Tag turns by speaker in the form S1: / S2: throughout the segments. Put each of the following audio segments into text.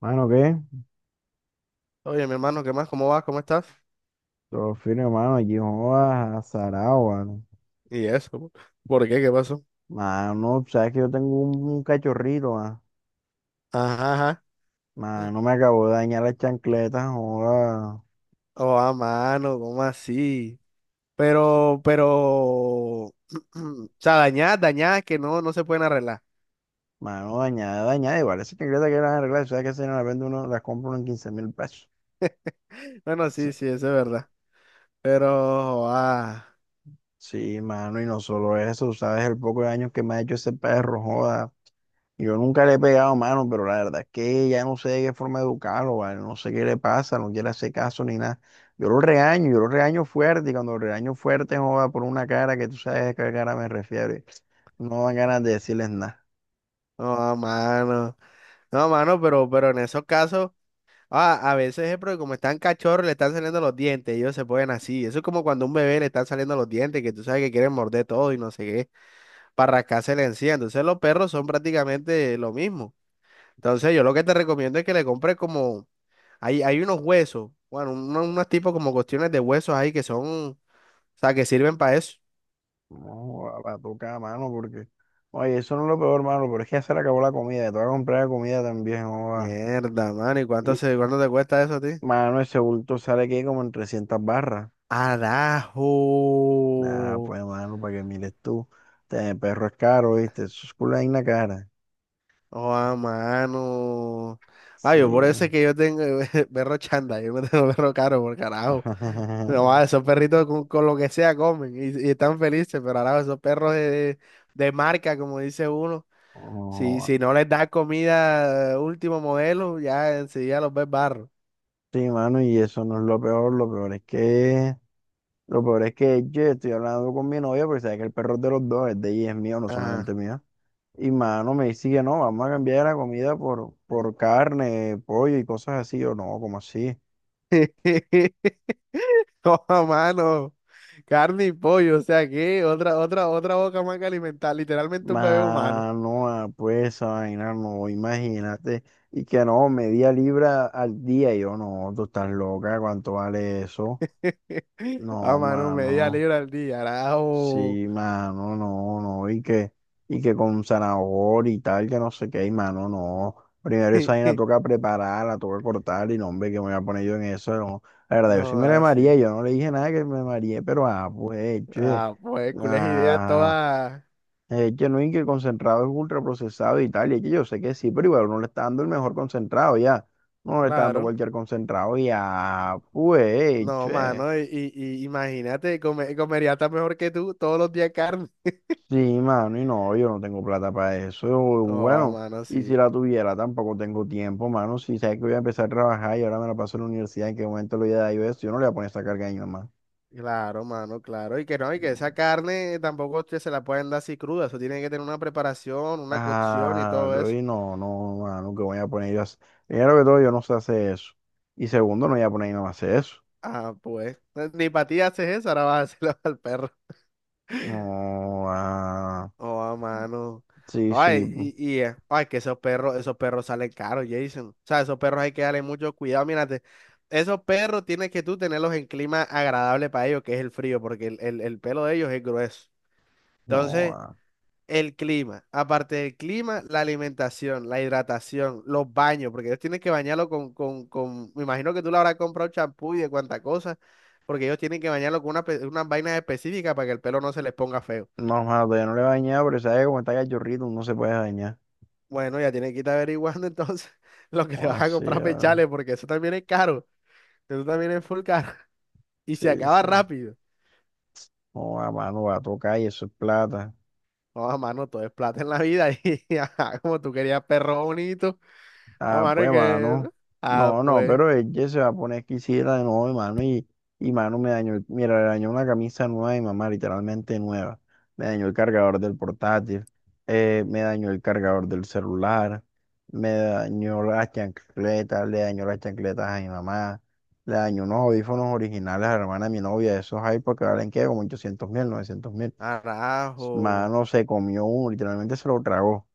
S1: Mano, ¿qué?
S2: Oye, mi hermano, ¿qué más? ¿Cómo vas? ¿Cómo estás?
S1: Todo firme, mano. Aquí jodas a Saragua.
S2: Y eso, po. ¿Por qué? ¿Qué pasó?
S1: Mano, sabes que yo tengo un cachorrito, ma.
S2: Ajá, ajá.
S1: Mano, me acabó de dañar la chancleta, joda.
S2: Oh, a mano, ¿cómo así?
S1: Sí.
S2: Pero, o sea, dañadas, dañadas que no se pueden arreglar.
S1: Mano, dañada, dañada. Igual, esa chancleta que las arreglar, sabes que si no la vende uno, las compra uno en 15.000 pesos.
S2: Bueno,
S1: Sí,
S2: sí, sí, eso es verdad. Pero, oh, ah,
S1: sí, mano, y no solo eso, sabes el poco de daño que me ha hecho ese perro, joda. Yo nunca le he pegado mano, pero la verdad es que ya no sé de qué forma educarlo, ¿vale? No sé qué le pasa, no quiere hacer caso ni nada. Yo lo regaño fuerte, y cuando lo regaño fuerte, joda, por una cara que tú sabes a qué cara me refiero. No dan ganas de decirles nada.
S2: no, a mano. No, mano, pero en esos casos, ah, a veces es porque como están cachorros, le están saliendo los dientes, ellos se ponen así. Eso es como cuando a un bebé le están saliendo los dientes, que tú sabes que quieren morder todo y no sé qué para rascársela encía. Entonces los perros son prácticamente lo mismo. Entonces yo lo que te recomiendo es que le compres como, hay unos huesos, bueno, unos tipos como cuestiones de huesos ahí que son, o sea, que sirven para eso.
S1: No, va a tocar mano porque. Oye, eso no es lo peor, mano, pero es que ya se le acabó la comida, te voy a comprar comida también, joda.
S2: Mierda, mano, ¿y
S1: Y,
S2: cuánto te cuesta eso a ti?
S1: mano, ese bulto sale aquí como en 300 barras. Nada,
S2: Arajo.
S1: pues, mano, para que mires tú. Este perro es caro, ¿viste? Eso es culo en la cara.
S2: Oh, a mano. Ay, yo por eso
S1: Sí.
S2: es que yo tengo perro chanda, yo me tengo perro caro, por carajo. No, ah, esos perritos con lo que sea comen y están felices, pero ahora esos perros de marca, como dice uno, si
S1: Oh,
S2: no les das comida último modelo, ya enseguida los ves barro.
S1: sí, mano, y eso no es lo peor es que, lo peor es que yo estoy hablando con mi novia porque sabes que el perro es de los dos, es de ella, y es mío, no solamente
S2: Ajá.
S1: mío. Y mano me dice que no, vamos a cambiar la comida por carne, pollo y cosas así, o no, como así.
S2: Toma, mano, carne y pollo, o sea que otra boca más que alimentar, literalmente un bebé humano.
S1: Mano, pues esa vaina, no, imagínate. Y que no, media libra al día, y yo no, tú estás loca, ¿cuánto vale eso?
S2: Ah,
S1: No,
S2: mano, media
S1: mano.
S2: libra al día, carajo.
S1: Sí, mano, no, no, y que con zanahoria y tal, que no sé qué, y mano, no. Primero esa vaina toca prepararla, toca cortar, y no, hombre, que me voy a poner yo en eso, no. La verdad, yo sí
S2: No,
S1: me la mareé,
S2: así.
S1: yo no le dije nada que me mareé, pero pues, che,
S2: Ah, pues, cules ideas
S1: ah,
S2: todas,
S1: que no, y que el concentrado es ultraprocesado y tal, y es que yo sé que sí, pero igual uno le está dando el mejor concentrado ya, no le está dando
S2: claro.
S1: cualquier concentrado, y ya, pues,
S2: No,
S1: che.
S2: mano, y imagínate, comería hasta mejor que tú todos los días carne.
S1: Sí, mano, y no, yo no tengo plata para eso.
S2: Oh, ah,
S1: Bueno,
S2: mano,
S1: y si
S2: sí.
S1: la tuviera, tampoco tengo tiempo, mano. Si sabes que voy a empezar a trabajar y ahora me la paso en la universidad, ¿en qué momento le voy a dar yo eso? Yo no le voy a poner esa carga a mi mamá.
S2: Claro, mano, claro. Y que no, y que esa
S1: No.
S2: carne tampoco se la pueden dar así cruda. Eso tiene que tener una preparación, una cocción y
S1: Ah,
S2: todo eso.
S1: y no, no, mano, que voy a poner yo a hacer- Primero que todo, yo no sé hacer eso. Y segundo, no voy a poner a mi mamá a hacer eso.
S2: Ah, pues. Ni para ti haces eso, ahora vas a hacerlo al perro.
S1: No, ah,
S2: Oh, a mano.
S1: sí, sí,
S2: Ay, ay, que esos perros salen caros, Jason. O sea, esos perros hay que darle mucho cuidado. Mírate, esos perros tienes que tú tenerlos en clima agradable para ellos, que es el frío, porque el pelo de ellos es grueso.
S1: no,
S2: Entonces,
S1: ah.
S2: el clima, aparte del clima, la alimentación, la hidratación, los baños, porque ellos tienen que bañarlo me imagino que tú le habrás comprado champú y de cuánta cosa, porque ellos tienen que bañarlo con unas vainas específicas para que el pelo no se les ponga feo.
S1: No, mano, todavía no le voy a dañar, pero sabes que como está cachorrito, no se puede dañar.
S2: Bueno, ya tienes que ir averiguando entonces lo que te
S1: O
S2: vas a
S1: así,
S2: comprar
S1: ah,
S2: pechales, porque eso también es caro, eso también es full caro, y se
S1: sí,
S2: acaba
S1: sí.
S2: rápido.
S1: No, a mano va a tocar y eso es plata.
S2: No, mano, todo es plata en la vida, y ajá, como tú querías perro bonito, a
S1: Ah,
S2: mano,
S1: pues,
S2: es que,
S1: mano.
S2: ¿no? Ah,
S1: No, no,
S2: pues,
S1: pero ella se va a poner exquisita de nuevo, mano. Y mano me dañó, mira, le dañó una camisa nueva y mamá, literalmente nueva. Me dañó el cargador del portátil. Me dañó el cargador del celular. Me dañó las chancletas. Le dañó las chancletas a mi mamá. Le dañó unos audífonos originales a la hermana de mi novia. Esos iPods que valen, ¿qué? Como 800.000, 900.000.
S2: arajo,
S1: Mano, se comió uno, literalmente se lo tragó.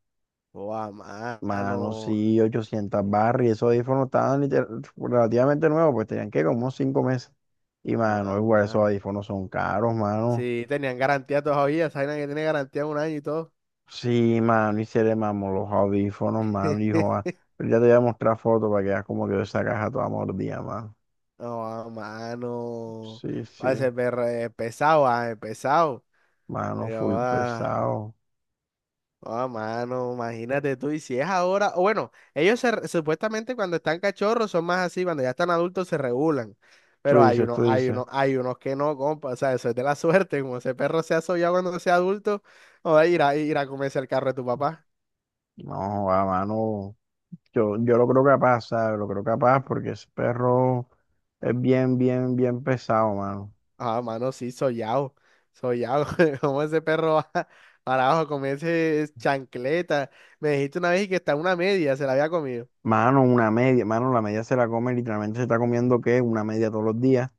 S2: o a mano,
S1: Mano, sí, 800 barras y esos audífonos estaban liter- relativamente nuevos, pues tenían que como unos 5 meses. Y
S2: a
S1: mano,
S2: a
S1: igual esos
S2: mano.
S1: audífonos son caros, mano.
S2: Sí, tenían garantía todavía, saben que tiene garantía de un año y todo.
S1: Sí, mano, y se le mamó los audífonos, mano, hijo. Pero ya te voy a mostrar fotos para que veas como quedó esa caja toda mordida, mano.
S2: No, a mano,
S1: Sí,
S2: va a
S1: sí,
S2: ser perro, pesado,
S1: mano,
S2: pero,
S1: full
S2: ah.
S1: pesado.
S2: Ah, mano, imagínate tú, y si es ahora, o bueno, ellos supuestamente cuando están cachorros son más así, cuando ya están adultos se regulan,
S1: Tú
S2: pero hay
S1: dices,
S2: unos,
S1: tú
S2: hay
S1: dices.
S2: unos, hay unos que no, compa, o sea, eso es de la suerte, como ese perro sea sollado cuando sea adulto, o va a ir ir a comerse el carro de tu papá.
S1: No, a mano, yo lo creo capaz, ¿sabes? Lo creo capaz porque ese perro es bien, bien, bien pesado, mano.
S2: Ah, mano, sí, sollado, sollado, como ese perro va para abajo a comerse chancleta, me dijiste una vez que está una media, se la había comido.
S1: Mano, una media, mano, la media se la come, literalmente se está comiendo ¿qué? Una media todos los días.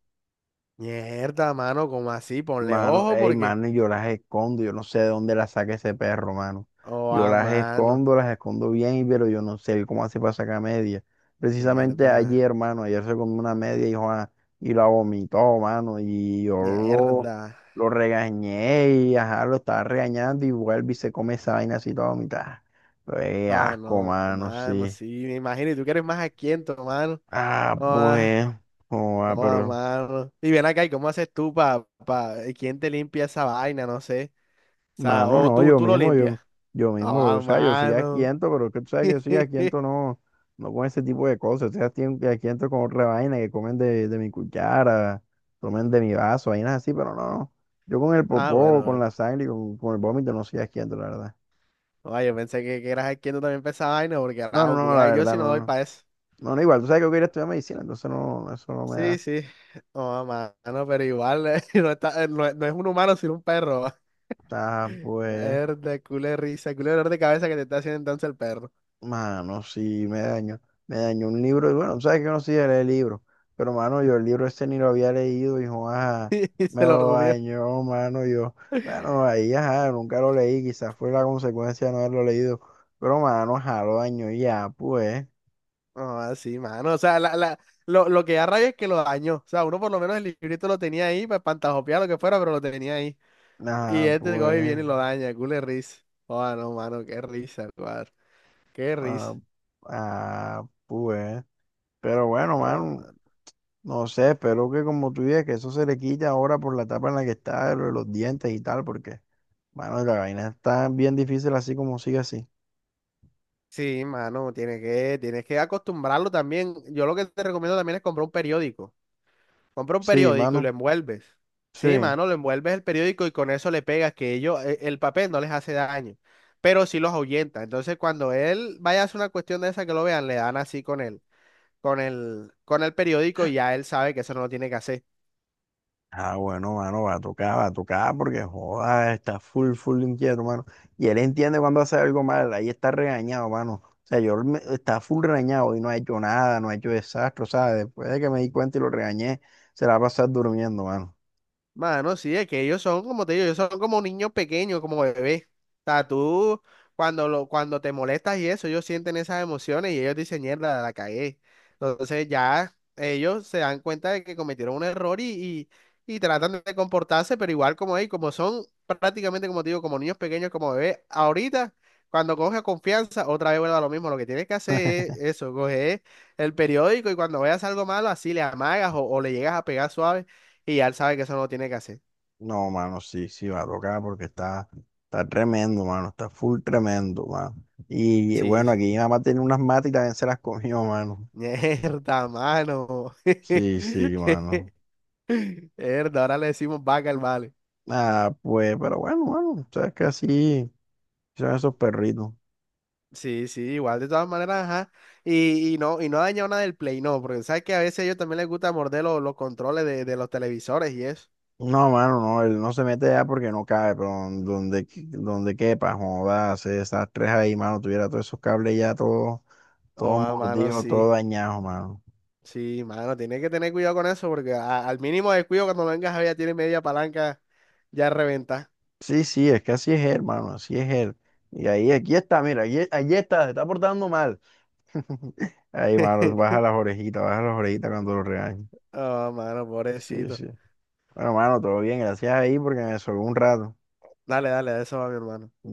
S2: Mierda, mano, como así, ponle
S1: Mano,
S2: ojo
S1: ey,
S2: porque,
S1: mano, y yo las escondo, yo no sé de dónde las saca ese perro, mano.
S2: oh,
S1: Yo
S2: ah, mano.
S1: las escondo bien, pero yo no sé cómo hace para sacar media. Precisamente ayer,
S2: Mierda,
S1: hermano, ayer se comió una media y, joa, y la vomitó, mano, y
S2: mierda.
S1: lo regañé y ajá, lo estaba regañando y vuelve y se come esa vaina así toda vomitada. Pero, ey,
S2: Joda,
S1: asco,
S2: no,
S1: mano,
S2: mano,
S1: sí.
S2: sí, me imagino. Y tú que eres más aquiento, mano.
S1: Ah, pues,
S2: Joda,
S1: joa,
S2: joda,
S1: pero.
S2: mano. Y ven acá, ¿y cómo haces tú quién te limpia esa vaina? No sé. O sea,
S1: Mano,
S2: o
S1: no,
S2: tú, tú lo limpias.
S1: yo mismo, o
S2: Joda,
S1: sea, yo soy
S2: mano.
S1: asquiento, pero que tú sabes que yo soy asquiento no, no con ese tipo de cosas, estoy asquien- asquiento con otra vaina, que comen de mi cuchara, tomen de mi vaso, vainas así, pero no, no, yo con el
S2: Ah,
S1: popó,
S2: bueno,
S1: con
S2: bueno.
S1: la sangre y con el vómito no soy asquiento, la verdad.
S2: Joda, yo pensé que eras aquiento también para esa vaina, porque
S1: No, no,
S2: rajo,
S1: no, la
S2: culea, yo
S1: verdad,
S2: sí no
S1: no,
S2: doy
S1: no,
S2: para eso.
S1: no, no, igual, tú sabes que yo quería estudiar medicina, entonces no, eso no me
S2: Sí,
S1: da,
S2: sí. Joda, mano, pero igual, no está, no, no es un humano, sino un perro.
S1: ah, pues.
S2: Herda, culo de risa, culo de dolor de cabeza que te está haciendo entonces el perro.
S1: Mano, sí, me dañó. Me dañó un libro. Y bueno, tú sabes que yo no soy de leer libros. Pero, mano, yo el libro este ni lo había leído. Y, ajá,
S2: Y
S1: me
S2: se lo
S1: lo
S2: comió.
S1: dañó, mano. Yo, bueno, ahí, ajá, nunca lo leí. Quizás fue la consecuencia de no haberlo leído. Pero, mano, ajá, lo dañó y ya, pues.
S2: Ah, sí, mano. O sea, lo que da rabia es que lo dañó. O sea, uno por lo menos el librito lo tenía ahí para pantajopear lo que fuera, pero lo tenía ahí. Y
S1: Ah,
S2: este coge y
S1: pues.
S2: viene y lo daña, culo de risa. Oh, no, mano, qué risa, cuadro. Qué
S1: Ah,
S2: risa.
S1: ah, pues. Pero bueno,
S2: Oh,
S1: mano,
S2: mano.
S1: no sé. Espero que, como tú dices, que eso se le quite ahora por la etapa en la que está, lo de los dientes y tal, porque. Mano, la vaina está bien difícil así como sigue así.
S2: Sí, mano, tienes que acostumbrarlo también. Yo lo que te recomiendo también es comprar un periódico. Compra un
S1: Sí,
S2: periódico y lo
S1: mano.
S2: envuelves. Sí,
S1: Sí.
S2: mano, lo envuelves el periódico y con eso le pegas que ellos, el papel no les hace daño, pero sí los ahuyenta. Entonces, cuando él vaya a hacer una cuestión de esa que lo vean, le dan así con el periódico y ya él sabe que eso no lo tiene que hacer.
S1: Ah, bueno, mano, va a tocar, porque joda, está full, full inquieto, mano. Y él entiende cuando hace algo mal, ahí está regañado, mano. O sea, está full regañado y no ha hecho nada, no ha hecho desastre, ¿sabes? Después de que me di cuenta y lo regañé, se la va a pasar durmiendo, mano.
S2: Mano, sí, es que ellos son, como te digo, ellos son como niños pequeños, como bebés. O sea, tú, cuando te molestas y eso, ellos sienten esas emociones y ellos dicen, mierda, la cagué. Entonces ya ellos se dan cuenta de que cometieron un error y tratan de comportarse, pero igual como ellos, como son prácticamente, como te digo, como niños pequeños, como bebés, ahorita, cuando coge confianza, otra vez vuelve a lo mismo. Lo que tienes que hacer es eso, coger el periódico y cuando veas algo malo, así le amagas o le llegas a pegar suave y ya él sabe que eso no lo tiene que hacer.
S1: No, mano, sí, sí, va a tocar porque está, está tremendo, mano, está full tremendo, mano. Y
S2: Sí,
S1: bueno, aquí
S2: sí.
S1: mi mamá tiene unas matas y también se las comió, mano.
S2: Mierda, mano.
S1: Sí, sí, mano.
S2: Mierda, ahora le decimos vaca al vale.
S1: Ah, pues, pero bueno, mano, sabes que así son esos perritos.
S2: Sí, sí, igual de todas maneras, ajá. Y no ha dañado nada del Play, no, porque sabes que a veces a ellos también les gusta morder los controles de los televisores y eso.
S1: No, mano, no, él no se mete allá porque no cabe, pero donde quepa, joda, se esas tres ahí, mano, tuviera todos esos cables ya todos,
S2: Oh,
S1: todos
S2: ah, mano,
S1: mordidos,
S2: sí.
S1: todos dañados, mano.
S2: Sí, mano, tienes que tener cuidado con eso, porque al mínimo descuido cuando vengas a ver ya tiene media palanca ya reventa.
S1: Sí, sí, es que así es él, mano, así es él. Y ahí, aquí está, mira, allí está, se está portando mal. Ahí, mano, baja las orejitas cuando lo regañen.
S2: Oh, mano,
S1: Sí,
S2: pobrecito.
S1: sí. Bueno, mano, todo bien, gracias ahí porque me sobró un rato.
S2: Dale, dale, de eso va mi hermano.